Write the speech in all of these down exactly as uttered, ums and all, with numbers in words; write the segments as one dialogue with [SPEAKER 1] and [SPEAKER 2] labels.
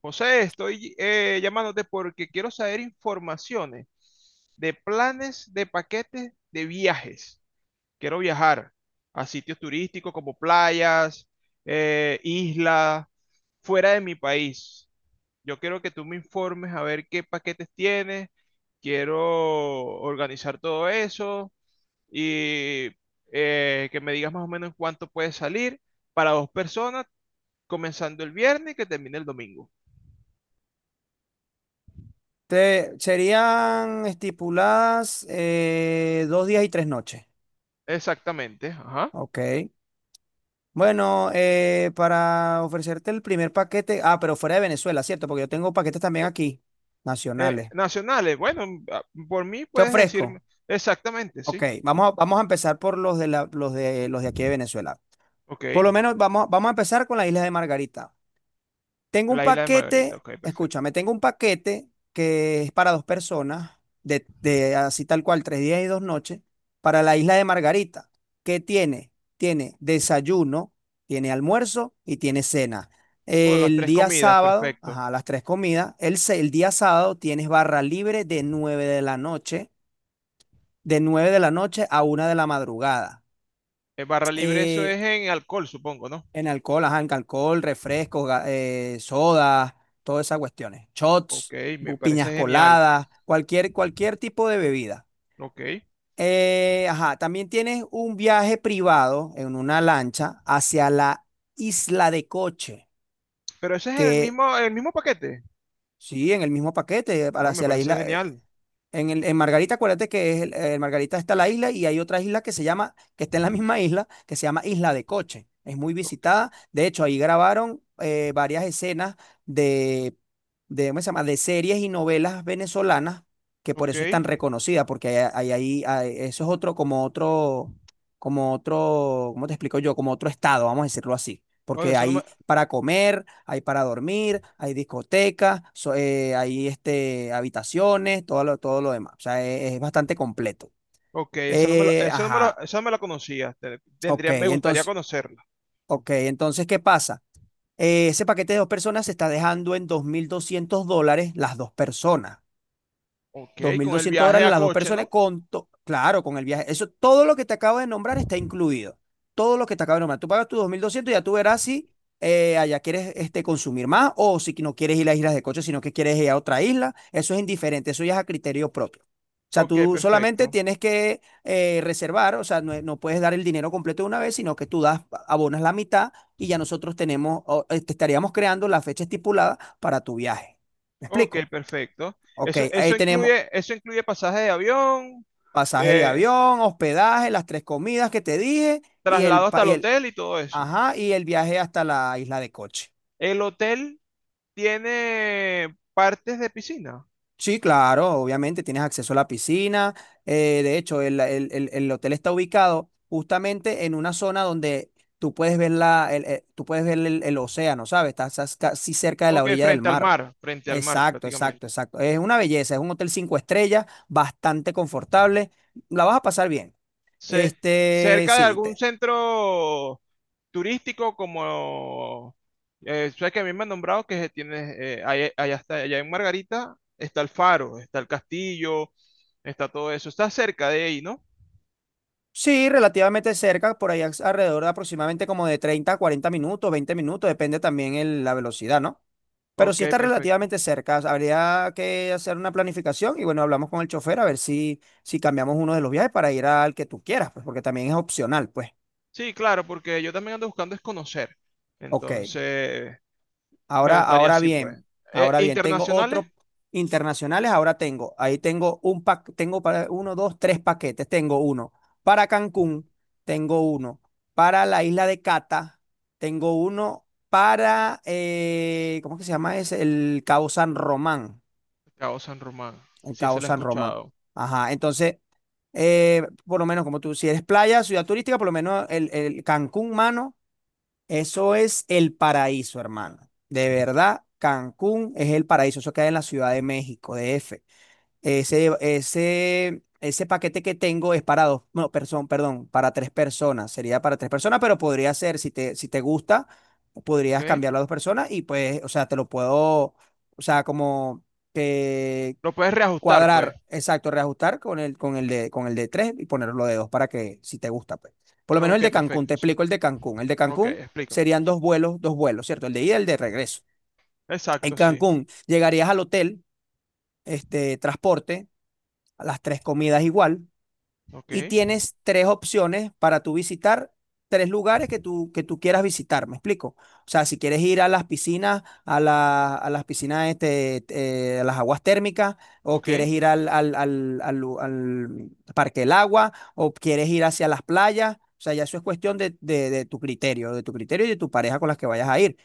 [SPEAKER 1] José, estoy eh, llamándote porque quiero saber informaciones de planes de paquetes de viajes. Quiero viajar a sitios turísticos como playas, eh, islas, fuera de mi país. Yo quiero que tú me informes a ver qué paquetes tienes. Quiero organizar todo eso y eh, que me digas más o menos en cuánto puede salir para dos personas, comenzando el viernes y que termine el domingo.
[SPEAKER 2] Te- serían estipuladas eh, dos días y tres noches.
[SPEAKER 1] Exactamente, ajá.
[SPEAKER 2] Ok. Bueno, eh, para ofrecerte el primer paquete, ah, pero fuera de Venezuela, ¿cierto? Porque yo tengo paquetes también aquí,
[SPEAKER 1] Eh,
[SPEAKER 2] nacionales.
[SPEAKER 1] nacionales, bueno, a- por mí
[SPEAKER 2] Te
[SPEAKER 1] puedes decirme
[SPEAKER 2] ofrezco.
[SPEAKER 1] exactamente,
[SPEAKER 2] Ok,
[SPEAKER 1] sí.
[SPEAKER 2] vamos a, vamos a empezar por los de la- los de, los de aquí de Venezuela.
[SPEAKER 1] Ok,
[SPEAKER 2] Por lo menos vamos, vamos a empezar con las Islas de Margarita. Tengo un
[SPEAKER 1] la isla de Margarita,
[SPEAKER 2] paquete,
[SPEAKER 1] ok, perfecto.
[SPEAKER 2] escúchame, tengo un paquete que es para dos personas, de, de así tal cual, tres días y dos noches, para la isla de Margarita. ¿Qué tiene? Tiene desayuno, tiene almuerzo y tiene cena.
[SPEAKER 1] O las
[SPEAKER 2] El
[SPEAKER 1] tres
[SPEAKER 2] día
[SPEAKER 1] comidas,
[SPEAKER 2] sábado,
[SPEAKER 1] perfecto.
[SPEAKER 2] ajá, las tres comidas. El, se- el día sábado tienes barra libre de nueve de la noche, de nueve de la noche a una de la madrugada.
[SPEAKER 1] Eh, barra libre, eso
[SPEAKER 2] Eh,
[SPEAKER 1] es en alcohol, supongo, ¿no?
[SPEAKER 2] En alcohol, ajá, en alcohol, refrescos, ga- eh, sodas, todas esas cuestiones.
[SPEAKER 1] Ok,
[SPEAKER 2] Shots,
[SPEAKER 1] me
[SPEAKER 2] bu-
[SPEAKER 1] parece
[SPEAKER 2] piñas
[SPEAKER 1] genial.
[SPEAKER 2] coladas, cualquier, cualquier tipo de bebida.
[SPEAKER 1] Ok,
[SPEAKER 2] Eh, ajá, también tienes un viaje privado en una lancha hacia la isla de Coche,
[SPEAKER 1] pero ese es el
[SPEAKER 2] que
[SPEAKER 1] mismo, el mismo paquete.
[SPEAKER 2] sí, en el mismo paquete, para
[SPEAKER 1] Oh, me
[SPEAKER 2] hacia la
[SPEAKER 1] parece
[SPEAKER 2] isla. eh,
[SPEAKER 1] genial.
[SPEAKER 2] En, el, en Margarita, acuérdate que es el- en Margarita está la isla y hay otra isla que se llama, que está en la misma isla, que se llama Isla de Coche. Es muy
[SPEAKER 1] Ok,
[SPEAKER 2] visitada. De hecho, ahí grabaron eh, varias escenas de, de, ¿cómo se llama? De series y novelas venezolanas, que por
[SPEAKER 1] ok.
[SPEAKER 2] eso es tan reconocida, porque ahí, ahí, ahí- ahí- eso es otro, como otro, como otro, ¿cómo te explico yo? Como otro estado, vamos a decirlo así
[SPEAKER 1] Oye,
[SPEAKER 2] porque
[SPEAKER 1] eso no me,
[SPEAKER 2] hay para comer, hay para dormir, hay discotecas, so- eh, hay este, habitaciones, todo lo, todo lo demás. O sea, es, es bastante completo.
[SPEAKER 1] ok, esa no me la,
[SPEAKER 2] Eh,
[SPEAKER 1] eso no me lo-
[SPEAKER 2] ajá,
[SPEAKER 1] esa no me la conocía. Te-
[SPEAKER 2] ok,
[SPEAKER 1] Tendría, me gustaría
[SPEAKER 2] entonces,
[SPEAKER 1] conocerla.
[SPEAKER 2] ok, entonces, ¿qué pasa? Eh, ese paquete de dos personas se está dejando en dos mil doscientos dólares las dos personas. Dos
[SPEAKER 1] Ok,
[SPEAKER 2] mil
[SPEAKER 1] con el
[SPEAKER 2] doscientos
[SPEAKER 1] viaje
[SPEAKER 2] dólares
[SPEAKER 1] a
[SPEAKER 2] las dos
[SPEAKER 1] coche,
[SPEAKER 2] personas
[SPEAKER 1] ¿no?
[SPEAKER 2] con, to- claro, con el viaje. Eso, todo lo que te acabo de nombrar está incluido. Todo lo que te acabo de nombrar. Tú pagas tus dos mil doscientos y ya tú verás si eh, allá quieres este, consumir más o si no quieres ir a islas de coche, sino que quieres ir a otra isla. Eso es indiferente, eso ya es a criterio propio. O sea,
[SPEAKER 1] Ok,
[SPEAKER 2] tú solamente
[SPEAKER 1] perfecto.
[SPEAKER 2] tienes que eh, reservar. O sea, no, no puedes dar el dinero completo de una vez, sino que tú das, abonas la mitad y ya nosotros tenemos, o, eh, estaríamos creando la fecha estipulada para tu viaje. ¿Me
[SPEAKER 1] Ok,
[SPEAKER 2] explico?
[SPEAKER 1] perfecto.
[SPEAKER 2] Ok,
[SPEAKER 1] Eso, eso
[SPEAKER 2] ahí tenemos,
[SPEAKER 1] incluye, eso incluye pasaje de avión,
[SPEAKER 2] pasaje de
[SPEAKER 1] eh,
[SPEAKER 2] avión, hospedaje, las tres comidas que te dije y el,
[SPEAKER 1] traslado hasta
[SPEAKER 2] pa-
[SPEAKER 1] el
[SPEAKER 2] y el,
[SPEAKER 1] hotel y todo eso.
[SPEAKER 2] ajá, y el viaje hasta la isla de Coche.
[SPEAKER 1] El hotel tiene partes de piscina.
[SPEAKER 2] Sí, claro, obviamente tienes acceso a la piscina. Eh, de hecho, el, el- el- el hotel está ubicado justamente en una zona donde tú puedes ver la, el, el- tú puedes ver el, el océano, ¿sabes? Estás, estás casi cerca de la
[SPEAKER 1] Ok,
[SPEAKER 2] orilla del
[SPEAKER 1] frente al
[SPEAKER 2] mar.
[SPEAKER 1] mar, frente al mar
[SPEAKER 2] Exacto,
[SPEAKER 1] prácticamente.
[SPEAKER 2] exacto, exacto. Es una belleza, es un hotel cinco estrellas, bastante confortable. La vas a pasar bien.
[SPEAKER 1] Ce-
[SPEAKER 2] Este,
[SPEAKER 1] cerca de
[SPEAKER 2] sí.
[SPEAKER 1] algún
[SPEAKER 2] te-
[SPEAKER 1] centro turístico como... Eh, sabes que a mí me han nombrado que tiene, eh, ahí- allá, está, allá en Margarita está el faro, está el castillo, está todo eso. Está cerca de ahí, ¿no?
[SPEAKER 2] Sí, relativamente cerca, por ahí as- alrededor de aproximadamente como de treinta a cuarenta minutos, veinte minutos, depende también el- la velocidad, ¿no? Pero
[SPEAKER 1] Ok,
[SPEAKER 2] sí está
[SPEAKER 1] perfecto.
[SPEAKER 2] relativamente cerca, habría que hacer una planificación y bueno, hablamos con el chofer a ver si, si cambiamos uno de los viajes para ir al que tú quieras, pues porque también es opcional, pues.
[SPEAKER 1] Sí, claro, porque yo también ando buscando es conocer.
[SPEAKER 2] Ok.
[SPEAKER 1] Entonces, me
[SPEAKER 2] Ahora,
[SPEAKER 1] gustaría
[SPEAKER 2] ahora
[SPEAKER 1] así,
[SPEAKER 2] bien,
[SPEAKER 1] pues. Eh,
[SPEAKER 2] Ahora bien, tengo
[SPEAKER 1] internacionales,
[SPEAKER 2] otros internacionales, ahora tengo, ahí tengo un paquete, tengo para uno, dos, tres paquetes, tengo uno para Cancún, tengo uno para la isla de Cata, tengo uno para, eh, ¿cómo que se llama ese? El Cabo San Román,
[SPEAKER 1] Cabo San Román,
[SPEAKER 2] el
[SPEAKER 1] si ese
[SPEAKER 2] Cabo
[SPEAKER 1] lo he
[SPEAKER 2] San Román.
[SPEAKER 1] escuchado.
[SPEAKER 2] Ajá, entonces, eh, por lo menos como tú, si eres playa, ciudad turística, por lo menos el, el Cancún, mano. Eso es el paraíso, hermano. De verdad, Cancún es el paraíso. Eso queda en la Ciudad de México, D F. Ese, ese, ese paquete que tengo es para dos, no, perdón, perdón, para tres personas. Sería para tres personas, pero podría ser, si te, si te gusta,
[SPEAKER 1] ¿Ok?
[SPEAKER 2] podrías cambiarlo a dos personas y pues, o sea, te lo puedo, o sea, como
[SPEAKER 1] Lo puedes reajustar, pues.
[SPEAKER 2] cuadrar, exacto, reajustar con el, con el de, con el de tres y ponerlo de dos para que si te gusta, pues. Por lo menos
[SPEAKER 1] Ok,
[SPEAKER 2] el de Cancún, te
[SPEAKER 1] perfecto, sí.
[SPEAKER 2] explico el de Cancún. El de
[SPEAKER 1] Ok,
[SPEAKER 2] Cancún
[SPEAKER 1] explícame.
[SPEAKER 2] serían dos vuelos, dos vuelos, ¿cierto? El de ida y el de regreso. En
[SPEAKER 1] Exacto, sí.
[SPEAKER 2] Cancún llegarías al hotel, este, transporte, las tres comidas igual,
[SPEAKER 1] Ok,
[SPEAKER 2] y tienes tres opciones para tú visitar, tres lugares que tú, que tú quieras visitar, ¿me explico? O sea, si quieres ir a las piscinas, a, la- a las piscinas, este, eh, a las aguas térmicas, o
[SPEAKER 1] ok,
[SPEAKER 2] quieres ir al, al, al- al lu- al Parque del Agua, o quieres ir hacia las playas, o sea, ya eso es cuestión de, de- de tu criterio, de tu criterio y de tu pareja con las que vayas a ir.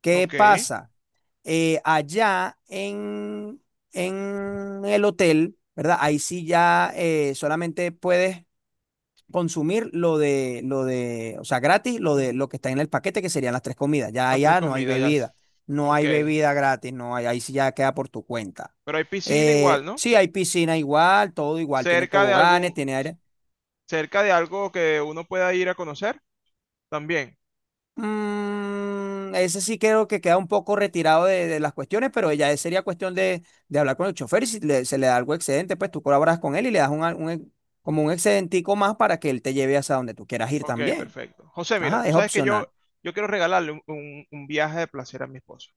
[SPEAKER 2] ¿Qué
[SPEAKER 1] ok.
[SPEAKER 2] pasa? Eh, allá en, en el hotel, ¿verdad? Ahí sí ya eh, solamente puedes consumir lo de, lo de, o sea, gratis, lo de lo que está en el paquete, que serían las tres comidas. Ya
[SPEAKER 1] Las tres
[SPEAKER 2] allá no hay
[SPEAKER 1] comidas, ya. s-
[SPEAKER 2] bebida, no
[SPEAKER 1] Ok.
[SPEAKER 2] hay bebida gratis, no hay, ahí sí ya queda por tu cuenta.
[SPEAKER 1] Pero hay piscina
[SPEAKER 2] Eh,
[SPEAKER 1] igual, ¿no?
[SPEAKER 2] sí, hay piscina igual, todo igual, tiene
[SPEAKER 1] Cerca de
[SPEAKER 2] toboganes,
[SPEAKER 1] algún,
[SPEAKER 2] tiene aire.
[SPEAKER 1] cerca de algo que uno pueda ir a conocer, también.
[SPEAKER 2] Mm, ese sí creo que queda un poco retirado de, de las cuestiones, pero ya sería cuestión de, de hablar con el chofer y si le- se le da algo excedente, pues tú colaboras con él y le das un, un- ex- como un excedentico más para que él te lleve hasta donde tú quieras ir
[SPEAKER 1] Ok,
[SPEAKER 2] también.
[SPEAKER 1] perfecto. José, mira,
[SPEAKER 2] Ajá,
[SPEAKER 1] tú
[SPEAKER 2] es
[SPEAKER 1] sabes que yo,
[SPEAKER 2] opcional.
[SPEAKER 1] yo quiero regalarle un, un- un viaje de placer a mi esposa.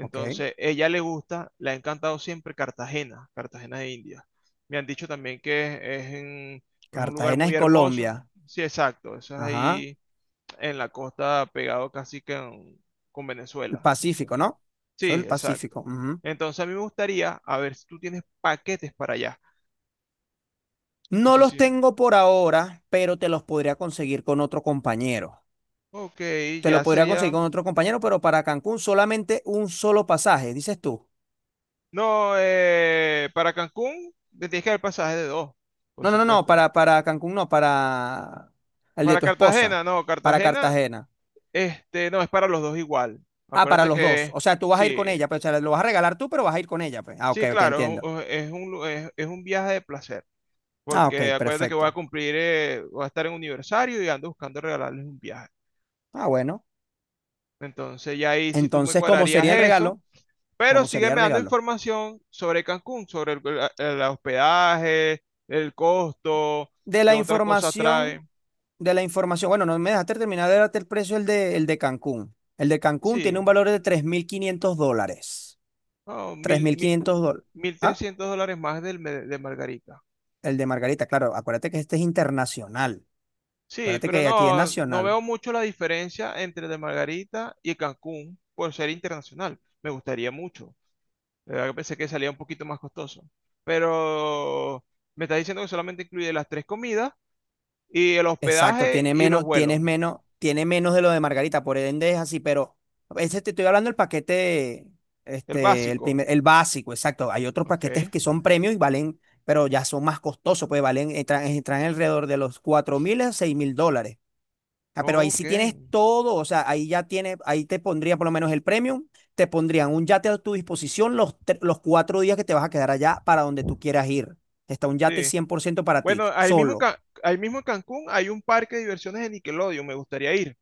[SPEAKER 2] Ok.
[SPEAKER 1] ella le gusta, le ha encantado siempre Cartagena, Cartagena de India. Me han dicho también que es, es en- es un lugar
[SPEAKER 2] Cartagena
[SPEAKER 1] muy
[SPEAKER 2] es
[SPEAKER 1] hermoso.
[SPEAKER 2] Colombia.
[SPEAKER 1] Sí, exacto, eso es
[SPEAKER 2] Ajá.
[SPEAKER 1] ahí en la costa, pegado casi que en- con
[SPEAKER 2] El
[SPEAKER 1] Venezuela. Eso.
[SPEAKER 2] Pacífico, ¿no? Soy
[SPEAKER 1] Sí,
[SPEAKER 2] el Pacífico.
[SPEAKER 1] exacto.
[SPEAKER 2] Ujú.
[SPEAKER 1] Entonces, a mí me gustaría, a ver si tú tienes paquetes para allá. No
[SPEAKER 2] No
[SPEAKER 1] sé
[SPEAKER 2] los
[SPEAKER 1] si...
[SPEAKER 2] tengo por ahora, pero te los podría conseguir con otro compañero.
[SPEAKER 1] Ok,
[SPEAKER 2] Te lo
[SPEAKER 1] ya
[SPEAKER 2] podría conseguir
[SPEAKER 1] sería...
[SPEAKER 2] con otro compañero, pero para Cancún solamente un solo pasaje, dices tú.
[SPEAKER 1] No, eh, para Cancún te tienes que dar el pasaje de dos, por
[SPEAKER 2] No, no, no, no,
[SPEAKER 1] supuesto.
[SPEAKER 2] para, para Cancún no, para el de
[SPEAKER 1] Para
[SPEAKER 2] tu esposa,
[SPEAKER 1] Cartagena, no,
[SPEAKER 2] para
[SPEAKER 1] Cartagena,
[SPEAKER 2] Cartagena.
[SPEAKER 1] este, no, es para los dos igual.
[SPEAKER 2] Ah, para
[SPEAKER 1] Acuérdate
[SPEAKER 2] los dos.
[SPEAKER 1] que
[SPEAKER 2] O sea, tú vas a ir con
[SPEAKER 1] sí,
[SPEAKER 2] ella, pero o sea, lo vas a regalar tú, pero vas a ir con ella, pues. Ah, ok,
[SPEAKER 1] sí,
[SPEAKER 2] ok,
[SPEAKER 1] claro, es
[SPEAKER 2] entiendo.
[SPEAKER 1] un, es un lu- es- es un viaje de placer,
[SPEAKER 2] Ah, ok,
[SPEAKER 1] porque acuérdate que voy a
[SPEAKER 2] perfecto.
[SPEAKER 1] cumplir, eh, voy a estar en un aniversario y ando buscando regalarles un viaje.
[SPEAKER 2] Ah, bueno.
[SPEAKER 1] Entonces ya ahí si tú me
[SPEAKER 2] Entonces, ¿cómo
[SPEAKER 1] cuadrarías
[SPEAKER 2] sería el
[SPEAKER 1] eso,
[SPEAKER 2] regalo?
[SPEAKER 1] pero
[SPEAKER 2] ¿Cómo sería el
[SPEAKER 1] sígueme dando
[SPEAKER 2] regalo?
[SPEAKER 1] información sobre Cancún, sobre el el- el hospedaje, el costo,
[SPEAKER 2] De
[SPEAKER 1] qué
[SPEAKER 2] la
[SPEAKER 1] otra cosa
[SPEAKER 2] información,
[SPEAKER 1] trae.
[SPEAKER 2] de la información, bueno, no me dejaste terminar de darte el precio el de, el de Cancún. El de Cancún tiene
[SPEAKER 1] Sí,
[SPEAKER 2] un valor de tres mil quinientos dólares.
[SPEAKER 1] no,
[SPEAKER 2] tres
[SPEAKER 1] mil,
[SPEAKER 2] mil
[SPEAKER 1] mil,
[SPEAKER 2] quinientos dólares.
[SPEAKER 1] mil
[SPEAKER 2] Ah,
[SPEAKER 1] trescientos dólares más del me- de Margarita.
[SPEAKER 2] el de Margarita, claro, acuérdate que este es internacional.
[SPEAKER 1] Sí,
[SPEAKER 2] Acuérdate
[SPEAKER 1] pero
[SPEAKER 2] que aquí es
[SPEAKER 1] no, no
[SPEAKER 2] nacional.
[SPEAKER 1] veo mucho la diferencia entre el de Margarita y Cancún por ser internacional. Me gustaría mucho. De verdad que pensé que salía un poquito más costoso. Pero me está diciendo que solamente incluye las tres comidas y el
[SPEAKER 2] Exacto,
[SPEAKER 1] hospedaje
[SPEAKER 2] tiene
[SPEAKER 1] y los
[SPEAKER 2] menos, tienes
[SPEAKER 1] vuelos.
[SPEAKER 2] menos, tiene menos de lo de Margarita, por ende es así, pero ese te estoy hablando del paquete,
[SPEAKER 1] El
[SPEAKER 2] este, el
[SPEAKER 1] básico.
[SPEAKER 2] primer, el básico, exacto. Hay otros
[SPEAKER 1] Ok.
[SPEAKER 2] paquetes que son premium y valen, pero ya son más costosos, pues valen, entran, entran alrededor de los cuatro mil a seis mil dólares. Ah, pero ahí
[SPEAKER 1] Ok.
[SPEAKER 2] sí tienes todo, o sea, ahí ya tienes, ahí te pondría por lo menos el premium, te pondrían un yate a tu disposición los, tre- los cuatro días que te vas a quedar allá para donde tú quieras ir. Está un yate
[SPEAKER 1] Sí.
[SPEAKER 2] cien por ciento para ti,
[SPEAKER 1] Bueno, ahí mismo,
[SPEAKER 2] solo.
[SPEAKER 1] Ca- ahí mismo en Cancún hay un parque de diversiones de Nickelodeon. Me gustaría ir.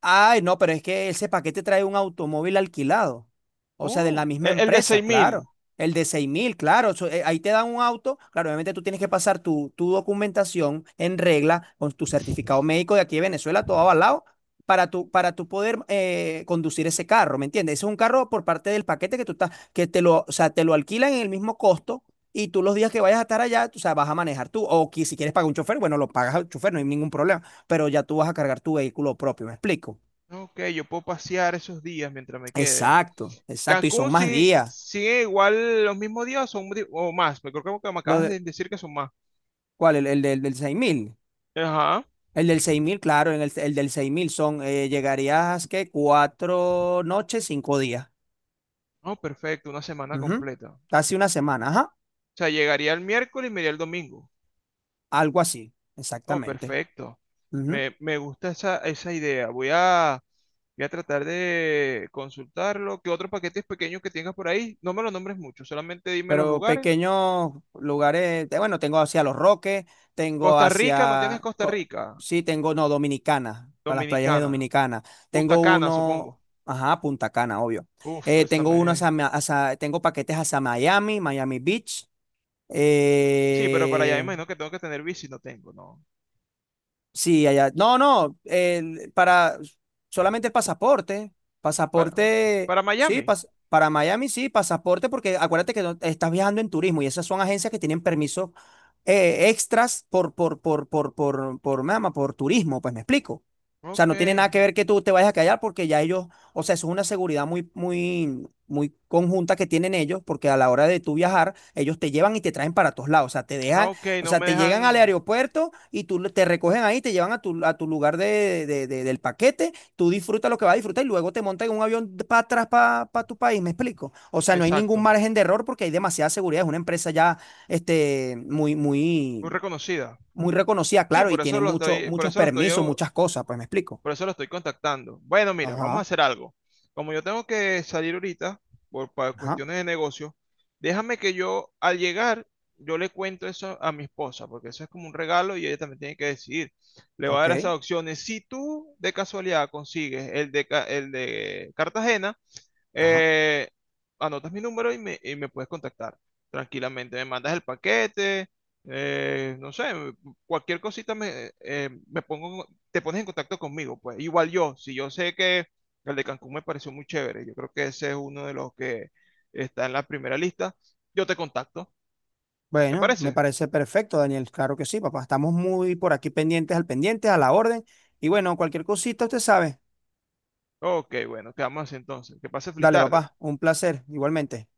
[SPEAKER 2] Ay, no, pero es que ese paquete trae un automóvil alquilado. O sea, de
[SPEAKER 1] Oh,
[SPEAKER 2] la misma
[SPEAKER 1] el el de
[SPEAKER 2] empresa,
[SPEAKER 1] seis mil.
[SPEAKER 2] claro. El de seis mil, claro. Eso, eh, ahí te dan un auto. Claro, obviamente tú tienes que pasar tu, tu documentación en regla con tu certificado médico de aquí de Venezuela, todo avalado, para tu, para tu poder eh, conducir ese carro, ¿me entiendes? Ese es un carro por parte del paquete que tú estás, que te lo, o sea, te lo alquilan en el mismo costo. Y tú los días que vayas a estar allá, tú, o sea, vas a manejar tú. O que si quieres pagar un chofer, bueno, lo pagas al chofer, no hay ningún problema pero ya tú vas a cargar tu vehículo propio, ¿me explico?
[SPEAKER 1] Ok, yo puedo pasear esos días mientras me quede.
[SPEAKER 2] Exacto, exacto. Y
[SPEAKER 1] Cancún
[SPEAKER 2] son más
[SPEAKER 1] sí
[SPEAKER 2] días.
[SPEAKER 1] sigue igual los mismos días o son di- o más. Me creo que me
[SPEAKER 2] Lo
[SPEAKER 1] acabas
[SPEAKER 2] de-
[SPEAKER 1] de decir que son más.
[SPEAKER 2] ¿Cuál? El, el del, del seis mil.
[SPEAKER 1] Ajá.
[SPEAKER 2] El del seis mil, claro, en el, el del seis mil son, eh, llegarías, ¿qué? Cuatro noches, cinco días.
[SPEAKER 1] No, perfecto, una semana
[SPEAKER 2] Ujú.
[SPEAKER 1] completa. O
[SPEAKER 2] Casi una semana, ajá.
[SPEAKER 1] sea, llegaría el miércoles y me iría el domingo.
[SPEAKER 2] Algo así,
[SPEAKER 1] No,
[SPEAKER 2] exactamente.
[SPEAKER 1] perfecto.
[SPEAKER 2] Ujú.
[SPEAKER 1] Me, me gusta esa, esa idea. Voy a, voy a tratar de consultarlo. ¿Qué otros paquetes pequeños que tengas por ahí? No me los nombres mucho, solamente dime los
[SPEAKER 2] Pero
[SPEAKER 1] lugares.
[SPEAKER 2] pequeños lugares, te- bueno, tengo hacia Los Roques, tengo
[SPEAKER 1] Costa Rica, ¿no tienes
[SPEAKER 2] hacia,
[SPEAKER 1] Costa
[SPEAKER 2] co-
[SPEAKER 1] Rica?
[SPEAKER 2] sí, tengo, no, Dominicana, para las playas de
[SPEAKER 1] Dominicana.
[SPEAKER 2] Dominicana.
[SPEAKER 1] Punta
[SPEAKER 2] Tengo
[SPEAKER 1] Cana, supongo.
[SPEAKER 2] uno, ajá, Punta Cana, obvio.
[SPEAKER 1] Uf,
[SPEAKER 2] Eh,
[SPEAKER 1] esta
[SPEAKER 2] tengo uno
[SPEAKER 1] me...
[SPEAKER 2] hacia, Ma- hacia- tengo paquetes hacia Miami, Miami Beach.
[SPEAKER 1] Sí, pero para allá me
[SPEAKER 2] Eh,
[SPEAKER 1] imagino que tengo que tener bici, no tengo, no.
[SPEAKER 2] Sí, allá. No, no, el- para solamente el pasaporte.
[SPEAKER 1] Para,
[SPEAKER 2] Pasaporte,
[SPEAKER 1] para
[SPEAKER 2] sí,
[SPEAKER 1] Miami.
[SPEAKER 2] pas- para Miami sí, pasaporte, porque acuérdate que no- estás viajando en turismo y esas son agencias que tienen permisos eh, extras por, por, por, por, por, por, mama, por turismo, pues me explico. O sea,
[SPEAKER 1] Ok.
[SPEAKER 2] no tiene nada que ver que tú te vayas a callar porque ya ellos, o sea, eso es una seguridad muy, muy, muy conjunta que tienen ellos, porque a la hora de tú viajar, ellos te llevan y te traen para todos lados. O sea, te
[SPEAKER 1] Ah,
[SPEAKER 2] dejan,
[SPEAKER 1] ok,
[SPEAKER 2] o
[SPEAKER 1] no
[SPEAKER 2] sea,
[SPEAKER 1] me
[SPEAKER 2] te llegan al
[SPEAKER 1] dejan...
[SPEAKER 2] aeropuerto y tú te recogen ahí, te llevan a tu, a tu lugar de, de- de- del paquete, tú disfrutas lo que vas a disfrutar y luego te montas en un avión para atrás, para tu país, ¿me explico? O sea, no hay ningún
[SPEAKER 1] Exacto.
[SPEAKER 2] margen de error porque hay demasiada seguridad, es una empresa ya este, muy,
[SPEAKER 1] Muy
[SPEAKER 2] muy,
[SPEAKER 1] reconocida.
[SPEAKER 2] muy reconocida,
[SPEAKER 1] Sí,
[SPEAKER 2] claro, y
[SPEAKER 1] por eso
[SPEAKER 2] tiene
[SPEAKER 1] lo
[SPEAKER 2] mucho,
[SPEAKER 1] estoy, por
[SPEAKER 2] muchos
[SPEAKER 1] eso lo estoy
[SPEAKER 2] permisos, muchas cosas, pues me explico.
[SPEAKER 1] Por eso lo estoy contactando. Bueno, mira, vamos a
[SPEAKER 2] Ajá,
[SPEAKER 1] hacer algo. Como yo tengo que salir ahorita por pa-
[SPEAKER 2] ajá,
[SPEAKER 1] cuestiones de negocio, déjame que yo al llegar, yo le cuento eso a mi esposa, porque eso es como un regalo y ella también tiene que decidir. Le voy a dar
[SPEAKER 2] ok,
[SPEAKER 1] esas opciones. Si tú de casualidad consigues el de, Ca- el de Cartagena,
[SPEAKER 2] ajá.
[SPEAKER 1] eh, anotas mi número y me, y me puedes contactar tranquilamente. Me mandas el paquete, eh, no sé, cualquier cosita me, eh, eh, me pongo, te pones en contacto conmigo. Pues igual yo, si yo sé que el de Cancún me pareció muy chévere, yo creo que ese es uno de los que está en la primera lista, yo te contacto. ¿Te
[SPEAKER 2] Bueno, me
[SPEAKER 1] parece?
[SPEAKER 2] parece perfecto, Daniel, claro que sí, papá, estamos muy por aquí pendientes al pendiente, a la orden. Y bueno, cualquier cosita, usted sabe.
[SPEAKER 1] Ok, bueno, quedamos así entonces. Que pase feliz
[SPEAKER 2] Dale,
[SPEAKER 1] tarde.
[SPEAKER 2] papá, un placer, igualmente.